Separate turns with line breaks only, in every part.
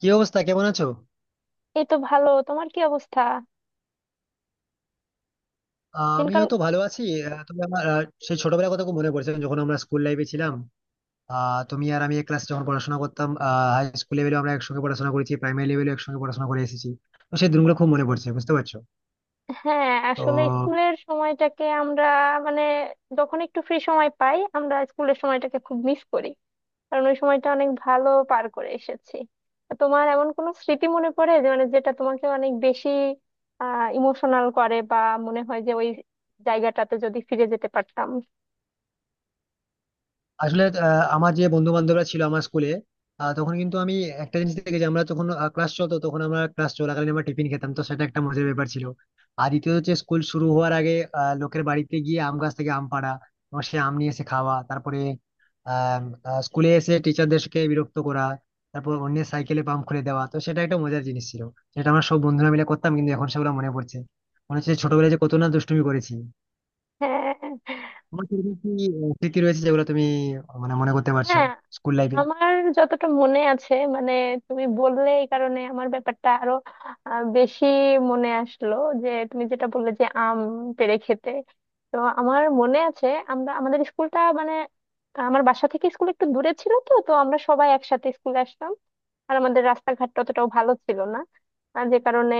কি অবস্থা, কেমন আছো?
এই তো ভালো। তোমার কি অবস্থা?
আমিও
দিনকাল?
তো ভালো আছি। তবে আমার সেই ছোটবেলার কথা খুব মনে পড়ছে, যখন আমরা স্কুল লাইফে ছিলাম। তুমি আর আমি এক ক্লাসে যখন পড়াশোনা করতাম। হাই স্কুল লেভেলে আমরা একসঙ্গে পড়াশোনা করেছি, প্রাইমারি লেভেলে একসঙ্গে পড়াশোনা করে এসেছি। তো সেই দিনগুলো খুব মনে পড়ছে, বুঝতে পারছো?
হ্যাঁ,
তো
আসলে স্কুলের সময়টাকে আমরা মানে যখন একটু ফ্রি সময় পাই, আমরা স্কুলের সময়টাকে খুব মিস করি, কারণ ওই সময়টা অনেক ভালো পার করে এসেছি। তা তোমার এমন কোনো স্মৃতি মনে পড়ে যে যেটা তোমাকে অনেক বেশি ইমোশনাল করে, বা মনে হয় যে ওই জায়গাটাতে যদি ফিরে যেতে পারতাম?
আসলে আমার যে বন্ধু বান্ধবরা ছিল আমার স্কুলে, তখন কিন্তু আমি একটা জিনিস দেখেছি, আমরা যখন ক্লাস চলতো তখন আমরা ক্লাস চলাকালীন আমরা টিফিন খেতাম, তো সেটা একটা মজার ব্যাপার ছিল। আর দ্বিতীয়ত হচ্ছে স্কুল শুরু হওয়ার আগে লোকের বাড়িতে গিয়ে আম গাছ থেকে আম পাড়া, এবং সে আম নিয়ে এসে খাওয়া, তারপরে আহ আহ, স্কুলে এসে টিচারদেরকে বিরক্ত করা, তারপর অন্যের সাইকেলে পাম্প খুলে দেওয়া, তো সেটা একটা মজার জিনিস ছিল। সেটা আমরা সব বন্ধুরা মিলে করতাম, কিন্তু এখন সেগুলো মনে পড়ছে। মনে হচ্ছে ছোটবেলায় যে কত না দুষ্টুমি করেছি।
হ্যাঁ,
তোমার কিরকম কি স্মৃতি রয়েছে যেগুলো তুমি মানে মনে করতে পারছো
হ্যাঁ
স্কুল লাইফে?
আমার যতটা মনে আছে, তুমি বললে এই কারণে আমার ব্যাপারটা আরো বেশি মনে আসলো। যে তুমি যেটা বললে যে আম পেড়ে খেতে, তো আমার মনে আছে আমরা আমাদের স্কুলটা আমার বাসা থেকে স্কুল একটু দূরে ছিল, তো তো আমরা সবাই একসাথে স্কুলে আসতাম। আর আমাদের রাস্তাঘাট অতটাও ভালো ছিল না, আর যে কারণে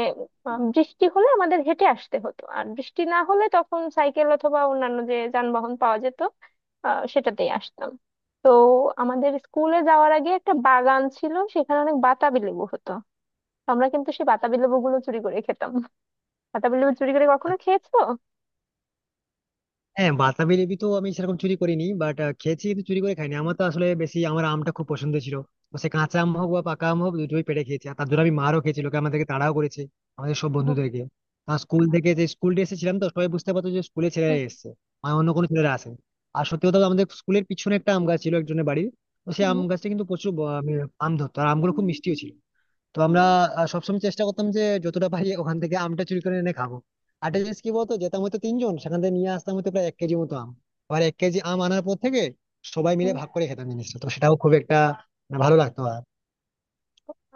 বৃষ্টি হলে আমাদের হেঁটে আসতে হতো, আর বৃষ্টি না হলে তখন সাইকেল অথবা অন্যান্য যে যানবাহন পাওয়া যেত, সেটাতেই আসতাম। তো আমাদের স্কুলে যাওয়ার আগে একটা বাগান ছিল, সেখানে অনেক বাতাবি লেবু হতো। তো আমরা কিন্তু সেই বাতাবি লেবু গুলো চুরি করে খেতাম। বাতাবি লেবু চুরি করে কখনো খেয়েছো?
হ্যাঁ, বাতাবি লেবু তো আমি সেরকম চুরি করিনি, বাট খেয়েছি, কিন্তু চুরি করে খাইনি। আমার তো আসলে বেশি আমার আমটা খুব পছন্দ ছিল। তো সে কাঁচা আম হোক বা পাকা আম হোক দুটোই পেড়ে খেয়েছি, আর তার জন্য আমি মারও খেয়েছি, লোকে আমাদেরকে তাড়াও করেছে। আমাদের সব
হুম,
বন্ধুদেরকে। আর স্কুল থেকে যে স্কুল ডে এসেছিলাম, তো সবাই বুঝতে পারতো যে স্কুলে ছেলেরা
হুম,
এসেছে। মানে অন্য কোনো ছেলেরা আসে। আর সত্যি কথা বলতে আমাদের স্কুলের পিছনে একটা আম গাছ ছিল একজনের বাড়ির। তো সেই আম
হুম,
গাছটা কিন্তু প্রচুর আম ধরতো, আর আমগুলো খুব মিষ্টিও ছিল। তো আমরা সবসময় চেষ্টা করতাম যে যতটা পারি ওখান থেকে আমটা চুরি করে এনে খাবো। আরেকটা জিনিস কি বলতো, যেতাম হয়তো তিনজন, সেখান থেকে নিয়ে আসতাম হয়তো প্রায় এক কেজি মতো আম। আবার এক কেজি আম আনার পর থেকে সবাই মিলে
হুম।
ভাগ করে খেতাম জিনিসটা, তো সেটাও খুব একটা মানে ভালো লাগতো, আর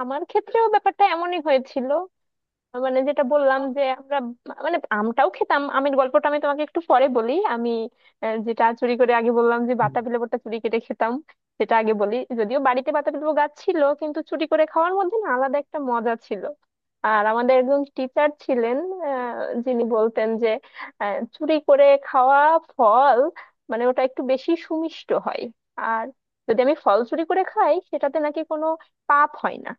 আমার ক্ষেত্রেও ব্যাপারটা এমনই হয়েছিল। যেটা বললাম যে আমরা আমটাও খেতাম, আমের গল্পটা আমি তোমাকে একটু পরে বলি। আমি যেটা চুরি করে আগে বললাম যে বাতাবি লেবুটা চুরি কেটে খেতাম, সেটা আগে বলি। যদিও বাড়িতে বাতাবি লেবু গাছ ছিল, কিন্তু চুরি করে খাওয়ার মধ্যে না আলাদা একটা মজা ছিল। আর আমাদের একজন টিচার ছিলেন যিনি বলতেন যে চুরি করে খাওয়া ফল, ওটা একটু বেশি সুমিষ্ট হয়, আর যদি আমি ফল চুরি করে খাই সেটাতে নাকি কোনো পাপ হয় না।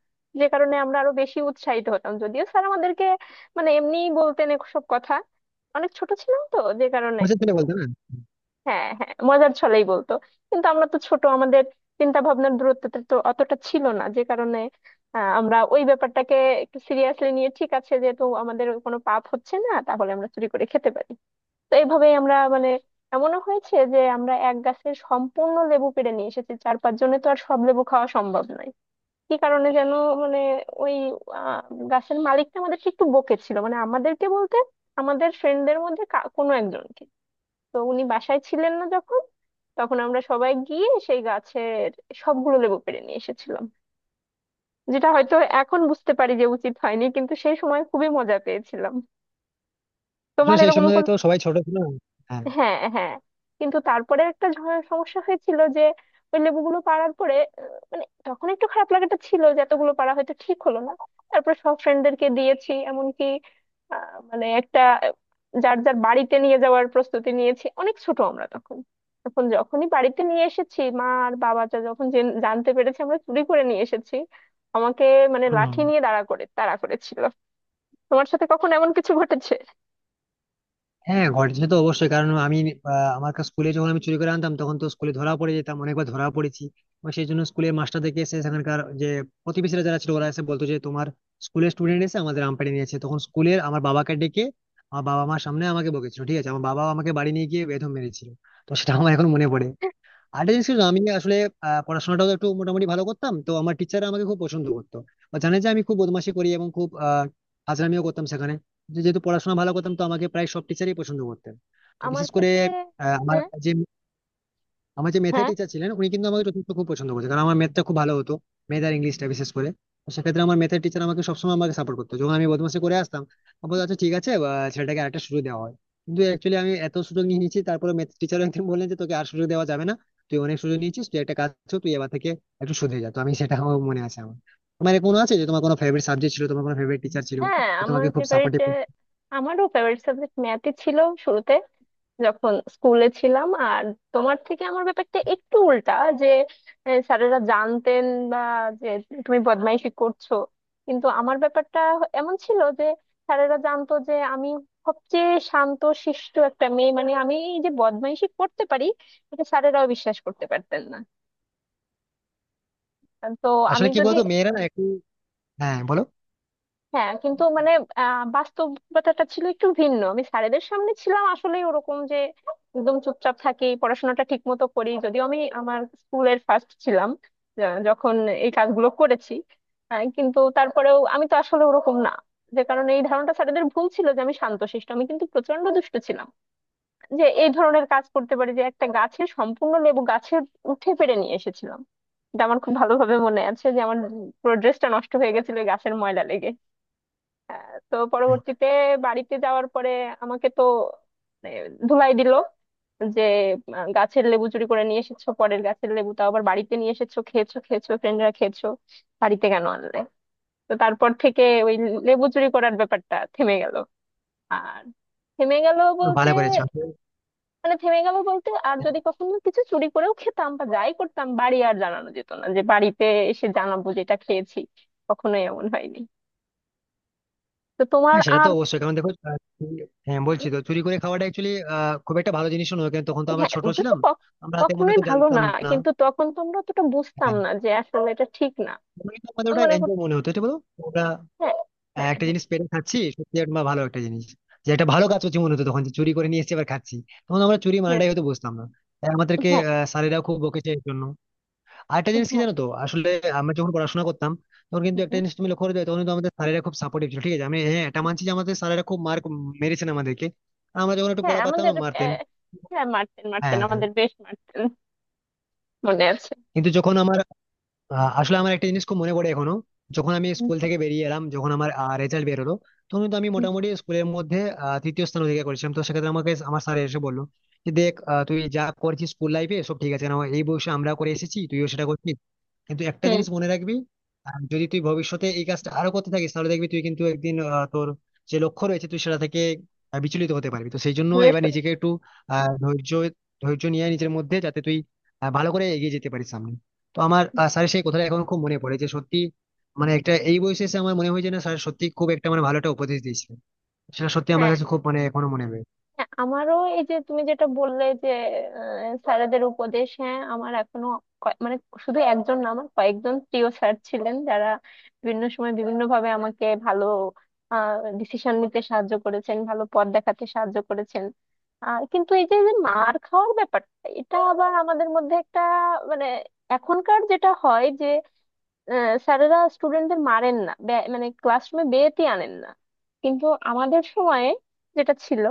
যে কারণে আমরা আরো বেশি উৎসাহিত হতাম, যদিও স্যার আমাদেরকে এমনিই বলতেন সব কথা। অনেক ছোট ছিলাম, তো যে কারণে
মজার ছিল, বলতে না?
হ্যাঁ, হ্যাঁ মজার ছলেই বলতো। কিন্তু আমরা তো ছোট, আমাদের চিন্তা ভাবনার দূরত্বটা তো অতটা ছিল না, যে কারণে আমরা ওই ব্যাপারটাকে একটু সিরিয়াসলি নিয়ে, ঠিক আছে যেহেতু আমাদের কোনো পাপ হচ্ছে না তাহলে আমরা চুরি করে খেতে পারি। তো এইভাবেই আমরা এমনও হয়েছে যে আমরা এক গাছের সম্পূর্ণ লেবু পেড়ে নিয়ে এসেছি চার পাঁচ জনে, তো আর সব লেবু খাওয়া সম্ভব নয়। কি কারণে যেন মানে ওই আহ, গাছের মালিকটা আমাদেরকে একটু বকেছিল, আমাদেরকে বলতে আমাদের ফ্রেন্ডদের মধ্যে কোনো একজনকে। তো উনি বাসায় ছিলেন না যখন, তখন আমরা সবাই গিয়ে সেই গাছের সবগুলো লেবু পেড়ে নিয়ে এসেছিলাম। যেটা হয়তো এখন বুঝতে পারি যে উচিত হয়নি, কিন্তু সেই সময় খুবই মজা পেয়েছিলাম। তোমার
আসলে সেই
এরকম
সময়
কোনো?
তো সবাই ছোট ছিল। হ্যাঁ।
হ্যাঁ, হ্যাঁ, কিন্তু তারপরে একটা সমস্যা হয়েছিল যে ওই লেবুগুলো পাড়ার পরে আহ, তখন একটু খারাপ লাগাটা ছিল যে এতগুলো পাড়া হয়তো ঠিক হলো না। তারপর সব ফ্রেন্ডদেরকে দিয়েছি, এমনকি আহ, মানে একটা আহ, যার যার বাড়িতে নিয়ে যাওয়ার প্রস্তুতি নিয়েছি। অনেক ছোট আমরা তখন, তখন যখনই বাড়িতে নিয়ে এসেছি, মা আর বাবা যা যখন জানতে পেরেছে আমরা চুরি করে নিয়ে এসেছি, আমাকে
হম।
লাঠি নিয়ে দাঁড়া করে তাড়া করেছিল। তোমার সাথে কখন এমন কিছু ঘটেছে?
হ্যাঁ, ঘটেছে তো অবশ্যই। কারণ আমি আমার কাছে স্কুলে যখন আমি চুরি করে আনতাম তখন তো স্কুলে ধরা পড়ে যেতাম, অনেকবার ধরা পড়েছি। এবং সেই জন্য স্কুলের মাস্টার দেখে এসে সেখানকার যে প্রতিবেশীরা যারা ছিল ওরা এসে বলতো যে, তোমার স্কুলের স্টুডেন্ট এসে আমাদের আম পেড়ে নিয়েছে। তখন স্কুলের আমার বাবাকে ডেকে আমার বাবা মার সামনে আমাকে বকেছিল, ঠিক আছে? আমার বাবা আমাকে বাড়ি নিয়ে গিয়ে বেদম মেরেছিল। তো সেটা আমার এখন মনে পড়ে। আরেকটা জিনিস কি জানো, আমি আসলে পড়াশোনাটাও একটু মোটামুটি ভালো করতাম, তো আমার টিচাররা আমাকে খুব পছন্দ করতো। বা জানে যে আমি খুব বদমাশি করি এবং খুব ফাজলামিও করতাম সেখানে। যেহেতু পড়াশোনা ভালো করতাম তো আমাকে প্রায় সব টিচারই পছন্দ করতেন। তো
আমার
বিশেষ করে
ক্ষেত্রে
আহ, আমার
হ্যাঁ।
যে আমার যে ম্যাথের
হ্যাঁ,
টিচার ছিলেন উনি কিন্তু আমাকে যথেষ্ট খুব পছন্দ করতেন, কারণ আমার ম্যাথটা খুব ভালো হতো। ম্যাথ আর ইংলিশটা বিশেষ করে। তো সেক্ষেত্রে আমার ম্যাথের টিচার আমাকে সবসময় আমাকে সাপোর্ট করতো যখন আমি বদমাশি করে আসতাম। আমি বলতো আচ্ছা ঠিক আছে, ছেলেটাকে আরেকটা সুযোগ দেওয়া হয়। কিন্তু অ্যাকচুয়ালি আমি এত সুযোগ নিয়ে নিয়েছি, তারপরে ম্যাথ টিচার একদিন বললেন যে তোকে আর সুযোগ দেওয়া যাবে না। তুই অনেক সুযোগ নিয়েছিস, তুই একটা কাজ কর, তুই এবার থেকে একটু শুধরে যা। তো আমি সেটা আমার মনে আছে আমার। তোমার কোনো আছে যে তোমার কোনো ফেভারিট সাবজেক্ট ছিল, তোমার কোনো ফেভারিট টিচার ছিল
হ্যাঁ,
যে
আমার
তোমাকে খুব
ফেভারিট,
সাপোর্টিভ?
আমারও ফেভারিট সাবজেক্ট ম্যাথই ছিল শুরুতে, যখন স্কুলে ছিলাম। আর তোমার থেকে আমার ব্যাপারটা একটু উল্টা, যে স্যারেরা জানতেন বা যে তুমি বদমাইশি করছো। কিন্তু আমার ব্যাপারটা এমন ছিল যে স্যারেরা জানতো যে আমি সবচেয়ে শান্ত শিষ্ট একটা মেয়ে, আমি এই যে বদমাইশি করতে পারি, এটা স্যারেরাও বিশ্বাস করতে পারতেন না। তো
আসলে
আমি
কি
যদি
বলতো, মেয়েরা না একটু... হ্যাঁ, বলো।
হ্যাঁ, কিন্তু বাস্তবতাটা ছিল একটু ভিন্ন। আমি স্যারেদের সামনে ছিলাম আসলে ওরকম যে একদম চুপচাপ থাকি, পড়াশোনাটা ঠিক মতো করি, যদিও আমি আমার স্কুলের ফার্স্ট ছিলাম। যখন এই কাজগুলো করেছি, কিন্তু তারপরেও আমি তো আসলে ওরকম না, যে কারণে এই ধারণাটা স্যারেদের ভুল ছিল যে আমি শান্তশিষ্ট। আমি কিন্তু প্রচন্ড দুষ্ট ছিলাম, যে এই ধরনের কাজ করতে পারি, যে একটা গাছের সম্পূর্ণ লেবু গাছে উঠে পেড়ে নিয়ে এসেছিলাম। এটা আমার খুব ভালোভাবে মনে আছে যে আমার পুরো ড্রেসটা নষ্ট হয়ে গেছিল এই গাছের ময়লা লেগে। তো
হুম।
পরবর্তীতে বাড়িতে যাওয়ার পরে আমাকে তো মানে ধুলাই দিল, যে গাছের লেবু চুরি করে নিয়ে এসেছো, পরের গাছের লেবু, তাও আবার বাড়িতে নিয়ে এসেছো, খেয়েছো খেয়েছো ফ্রেন্ডরা খেয়েছো, বাড়িতে কেন আনলে? তো তারপর থেকে ওই লেবু চুরি করার ব্যাপারটা থেমে গেল। আর থেমে গেল বলতে
ভালো করেছো।
থেমে গেল বলতে, আর যদি কখনো কিছু চুরি করেও খেতাম বা যাই করতাম, বাড়ি আর জানানো যেত না, যে বাড়িতে এসে জানাবো যেটা খেয়েছি, কখনোই এমন হয়নি। তো তোমার
হ্যাঁ, সেটা তো
আর
অবশ্যই। কারণ দেখো হ্যাঁ বলছি তো, চুরি করে খাওয়াটা অ্যাকচুয়ালি খুব একটা ভালো জিনিস নয়, কারণ তখন তো আমরা
হ্যাঁ
ছোট
ওটা তো
ছিলাম। আমরা তেমন
কখনোই
হয়তো
ভালো
জানতাম
না,
না।
কিন্তু তখন তো আমরা অতটা বুঝতাম
হ্যাঁ।
না যে আসলে এটা ঠিক না।
তখন কিন্তু আমাদের
আমি
ওটা
মনে
এনজয়
করতে
মনে হতো, এটা বলো। আমরা
হ্যাঁ, হ্যাঁ,
একটা
হ্যাঁ,
জিনিস পেরে খাচ্ছি সত্যি একটা ভালো একটা জিনিস, যে একটা ভালো কাজ করছি মনে হতো তখন, যে চুরি করে নিয়ে এসে এবার খাচ্ছি। তখন আমরা চুরি
হ্যাঁ,
মানেটাই হয়তো বুঝতাম না। তাই আমাদেরকে
হ্যাঁ,
স্যারেরাও খুব বকেছে এর জন্য। আরেকটা জিনিস কি
হ্যাঁ,
জানো তো আসলে, আমরা যখন পড়াশোনা করতাম তখন কিন্তু একটা
হুম,
জিনিস তুমি লক্ষ্য করে যাও, তখন কিন্তু আমাদের স্যারেরা খুব সাপোর্টিভ ছিল। ঠিক আছে, আমি হ্যাঁ এটা মানছি যে আমাদের স্যারেরা খুব মার্ক মেরেছেন আমাদেরকে। আর আমরা যখন একটু
হ্যাঁ
পড়া পারতাম
আমাদের
না মারতেন।
আহ, হ্যাঁ মারতেন,
হ্যাঁ।
আমাদের বেশ মারতেন, মনে আছে।
কিন্তু যখন আমার আসলে আমার একটা জিনিস খুব মনে পড়ে এখনো। যখন আমি
হুম,
স্কুল থেকে বেরিয়ে এলাম, যখন আমার রেজাল্ট বেরোলো, তখন কিন্তু আমি মোটামুটি স্কুলের মধ্যে তৃতীয় স্থান অধিকার করেছিলাম, তো সেক্ষেত্রে আমাকে আমার স্যার এসে বললো যে দেখ, তুই যা করেছিস স্কুল লাইফে সব ঠিক আছে, না এই বয়সে আমরা করে এসেছি তুইও সেটা করছিস। কিন্তু একটা
হুম,
জিনিস মনে রাখবি, যদি তুই ভবিষ্যতে এই কাজটা আরো করতে থাকিস, তাহলে দেখবি তুই কিন্তু একদিন তোর যে লক্ষ্য রয়েছে তুই সেটা থেকে বিচলিত হতে পারবি। তো সেই জন্য
দূরে
এবার
সরে।
নিজেকে একটু ধৈর্য ধৈর্য নিয়ে নিজের মধ্যে, যাতে তুই ভালো করে এগিয়ে যেতে পারিস সামনে। তো আমার স্যারের সেই কথাটা এখন খুব মনে পড়ে, যে সত্যি, মানে একটা এই বয়সে এসে আমার মনে হয় যে না, স্যার সত্যি খুব একটা মানে ভালো একটা উপদেশ দিয়েছিলেন। সেটা সত্যি আমার
হ্যাঁ,
কাছে খুব মানে এখনো মনে হয়।
হ্যাঁ, আমারও এই যে তুমি যেটা বললে যে স্যারেদের উপদেশ, হ্যাঁ আমার এখনো কয়- মানে শুধু একজন না, আমার কয়েকজন প্রিয় স্যার ছিলেন, যারা বিভিন্ন সময় বিভিন্ন ভাবে আমাকে ভালো ডিসিশন নিতে সাহায্য করেছেন, ভালো পথ দেখাতে সাহায্য করেছেন। আর কিন্তু এই যে যে মার খাওয়ার ব্যাপারটা, এটা আবার আমাদের মধ্যে একটা মানে এখনকার যেটা হয়, স্যারেরা স্টুডেন্টদের মারেন না, বে- মানে ক্লাসরুমে বেতি আনেন না। কিন্তু আমাদের সময়ে যেটা ছিল,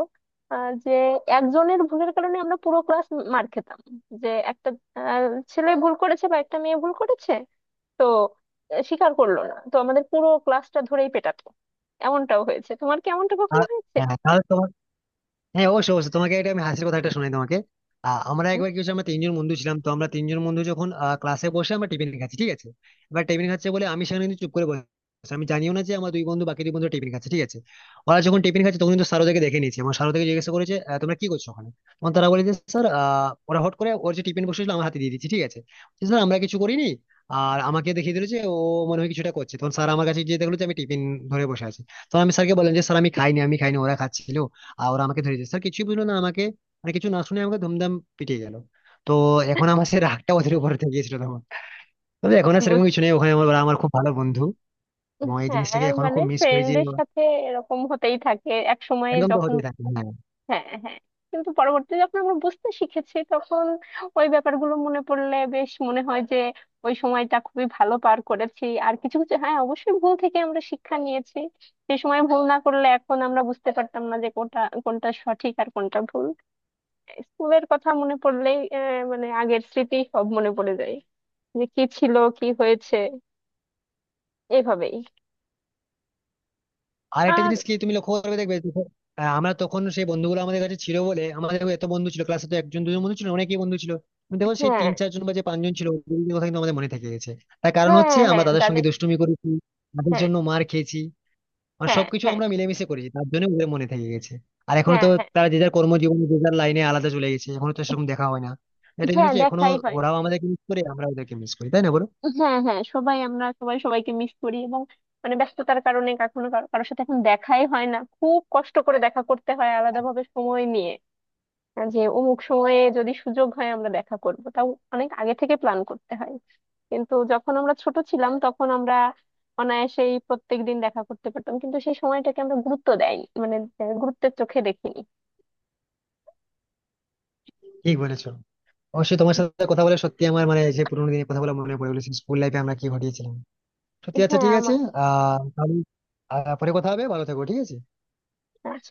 যে একজনের ভুলের কারণে আমরা পুরো ক্লাস মার খেতাম। যে একটা আহ, ছেলে ভুল করেছে বা একটা মেয়ে ভুল করেছে, তো স্বীকার করলো না, তো আমাদের পুরো ক্লাসটা ধরেই পেটাতো। এমনটাও হয়েছে, তোমার কি এমনটা
আর,
কখনো হয়েছে?
হ্যাঁ, তাহলে তোমার... হ্যাঁ, অবশ্যই অবশ্যই তোমাকে এটা আমি হাসির কথা একটা শোনাই তোমাকে। আমরা
হ্যাঁ?
একবার কি হচ্ছে, আমরা তিনজন বন্ধু ছিলাম, তো আমরা তিনজন বন্ধু যখন ক্লাসে বসে আমরা টিফিন খাচ্ছি, ঠিক আছে। এবার টিফিন খাচ্ছে বলে আমি সেখানে কিন্তু চুপ করে বসে আছি। আমি জানিও না যে আমার দুই বন্ধু বাকি দুই বন্ধু টিফিন খাচ্ছে, ঠিক আছে। ওরা যখন টিফিন খাচ্ছে তখন কিন্তু স্যার ওদেরকে দেখে নিয়েছে, আমার স্যার ওদেরকে জিজ্ঞেস করেছে তোমরা কি করছো ওখানে? তখন তারা বলে যে স্যার, ওরা হট করে ওর যে টিফিন বসেছিল আমার হাতে দিয়ে দিচ্ছে, ঠিক আছে। স্যার আমরা কিছু করিনি। আর আমাকে দেখিয়ে দিল যে ও মনে হয় কিছুটা করছে, তখন স্যার আমার কাছে গিয়ে দেখলো যে আমি টিফিন ধরে বসে আছি। তখন আমি স্যারকে বললাম যে স্যার আমি খাইনি, আমি খাইনি, ওরা খাচ্ছিল। আর ওরা আমাকে ধরিয়ে দিয়েছে, স্যার কিছুই বুঝলো না আমাকে, মানে কিছু না শুনে আমাকে ধুমধাম পিটিয়ে গেল। তো এখন আমার সেই রাগটা ওদের উপর থেকে গিয়েছিল তখন। তবে এখন আর সেরকম
বুঝতে
কিছু নেই ওখানে, ওরা আমার খুব ভালো বন্ধু। এবং এই
হ্যাঁ,
জিনিসটাকে এখনো খুব মিস করি যে
ফ্রেন্ডের সাথে এরকম হতেই থাকে এক সময়ে
একদম তো
যখন
হতেই থাকে, হ্যাঁ।
হ্যাঁ, হ্যাঁ, কিন্তু পরবর্তীতে যখন আমরা বুঝতে শিখেছি তখন ওই ব্যাপারগুলো মনে পড়লে বেশ মনে হয় যে ওই সময়টা খুবই ভালো পার করেছি। আর কিছু কিছু হ্যাঁ অবশ্যই ভুল থেকে আমরা শিক্ষা নিয়েছি। সে সময় ভুল না করলে এখন আমরা বুঝতে পারতাম না যে কোনটা কোনটা সঠিক আর কোনটা ভুল। স্কুলের কথা মনে পড়লেই আগের স্মৃতি সব মনে পড়ে যায়, যে কি ছিল কি হয়েছে এভাবেই।
আর একটা
আর
জিনিস কি, তুমি লক্ষ্য করবে দেখবে, দেখো, আমরা তখন সেই বন্ধুগুলো আমাদের কাছে ছিল বলে, আমাদের এত বন্ধু ছিল ক্লাসে, তো একজন দুজন বন্ধু ছিল না, অনেকেই বন্ধু ছিল। কিন্তু দেখো সেই তিন
হ্যাঁ
চারজন বা যে পাঁচজন ছিল ওদের কথা কিন্তু আমাদের মনে থেকে গেছে। তার কারণ হচ্ছে
হ্যাঁ,
আমরা
হ্যাঁ
তাদের
দাদু।
সঙ্গে দুষ্টুমি করেছি, তাদের
হ্যাঁ,
জন্য মার খেয়েছি, মানে
হ্যাঁ
সবকিছু
হ্যাঁ,
আমরা মিলেমিশে করেছি, তার জন্য ওদের মনে থেকে গেছে। আর এখনো
হ্যাঁ,
তো
হ্যাঁ,
তারা যে যার কর্মজীবনে যে যার লাইনে আলাদা চলে গেছে, এখনো তো সেরকম দেখা হয় না। এটা জিনিস
হ্যাঁ,
হচ্ছে এখনো।
দেখাই হয়।
ওরাও আমাদেরকে মিস করে, আমরা ওদেরকে মিস করি, তাই না বলো?
হ্যাঁ, হ্যাঁ, সবাই আমরা সবাই সবাইকে মিস করি, এবং ব্যস্ততার কারণে কখনো কারো- কারোর সাথে এখন দেখাই হয় না, খুব কষ্ট করে দেখা করতে হয় আলাদাভাবে সময় নিয়ে। হ্যাঁ, যে অমুক সময়ে যদি সুযোগ হয় আমরা দেখা করব, তাও অনেক আগে থেকে প্ল্যান করতে হয়। কিন্তু যখন আমরা ছোট ছিলাম তখন আমরা অনায়াসেই প্রত্যেক দিন দেখা করতে পারতাম, কিন্তু সেই সময়টাকে আমরা গুরুত্ব দেয়নি, গুরুত্বের চোখে দেখিনি।
ঠিক বলেছো। অবশ্যই তোমার সাথে কথা বলে সত্যি আমার মানে, যে পুরোনো দিনের কথা বলে মনে পড়ে গেলো স্কুল লাইফে আমরা কি ঘটিয়েছিলাম। সত্যি, আচ্ছা
হ্যাঁ
ঠিক আছে।
আমার
তাহলে পরে কথা হবে, ভালো থেকো, ঠিক আছে।
হ্যাঁ।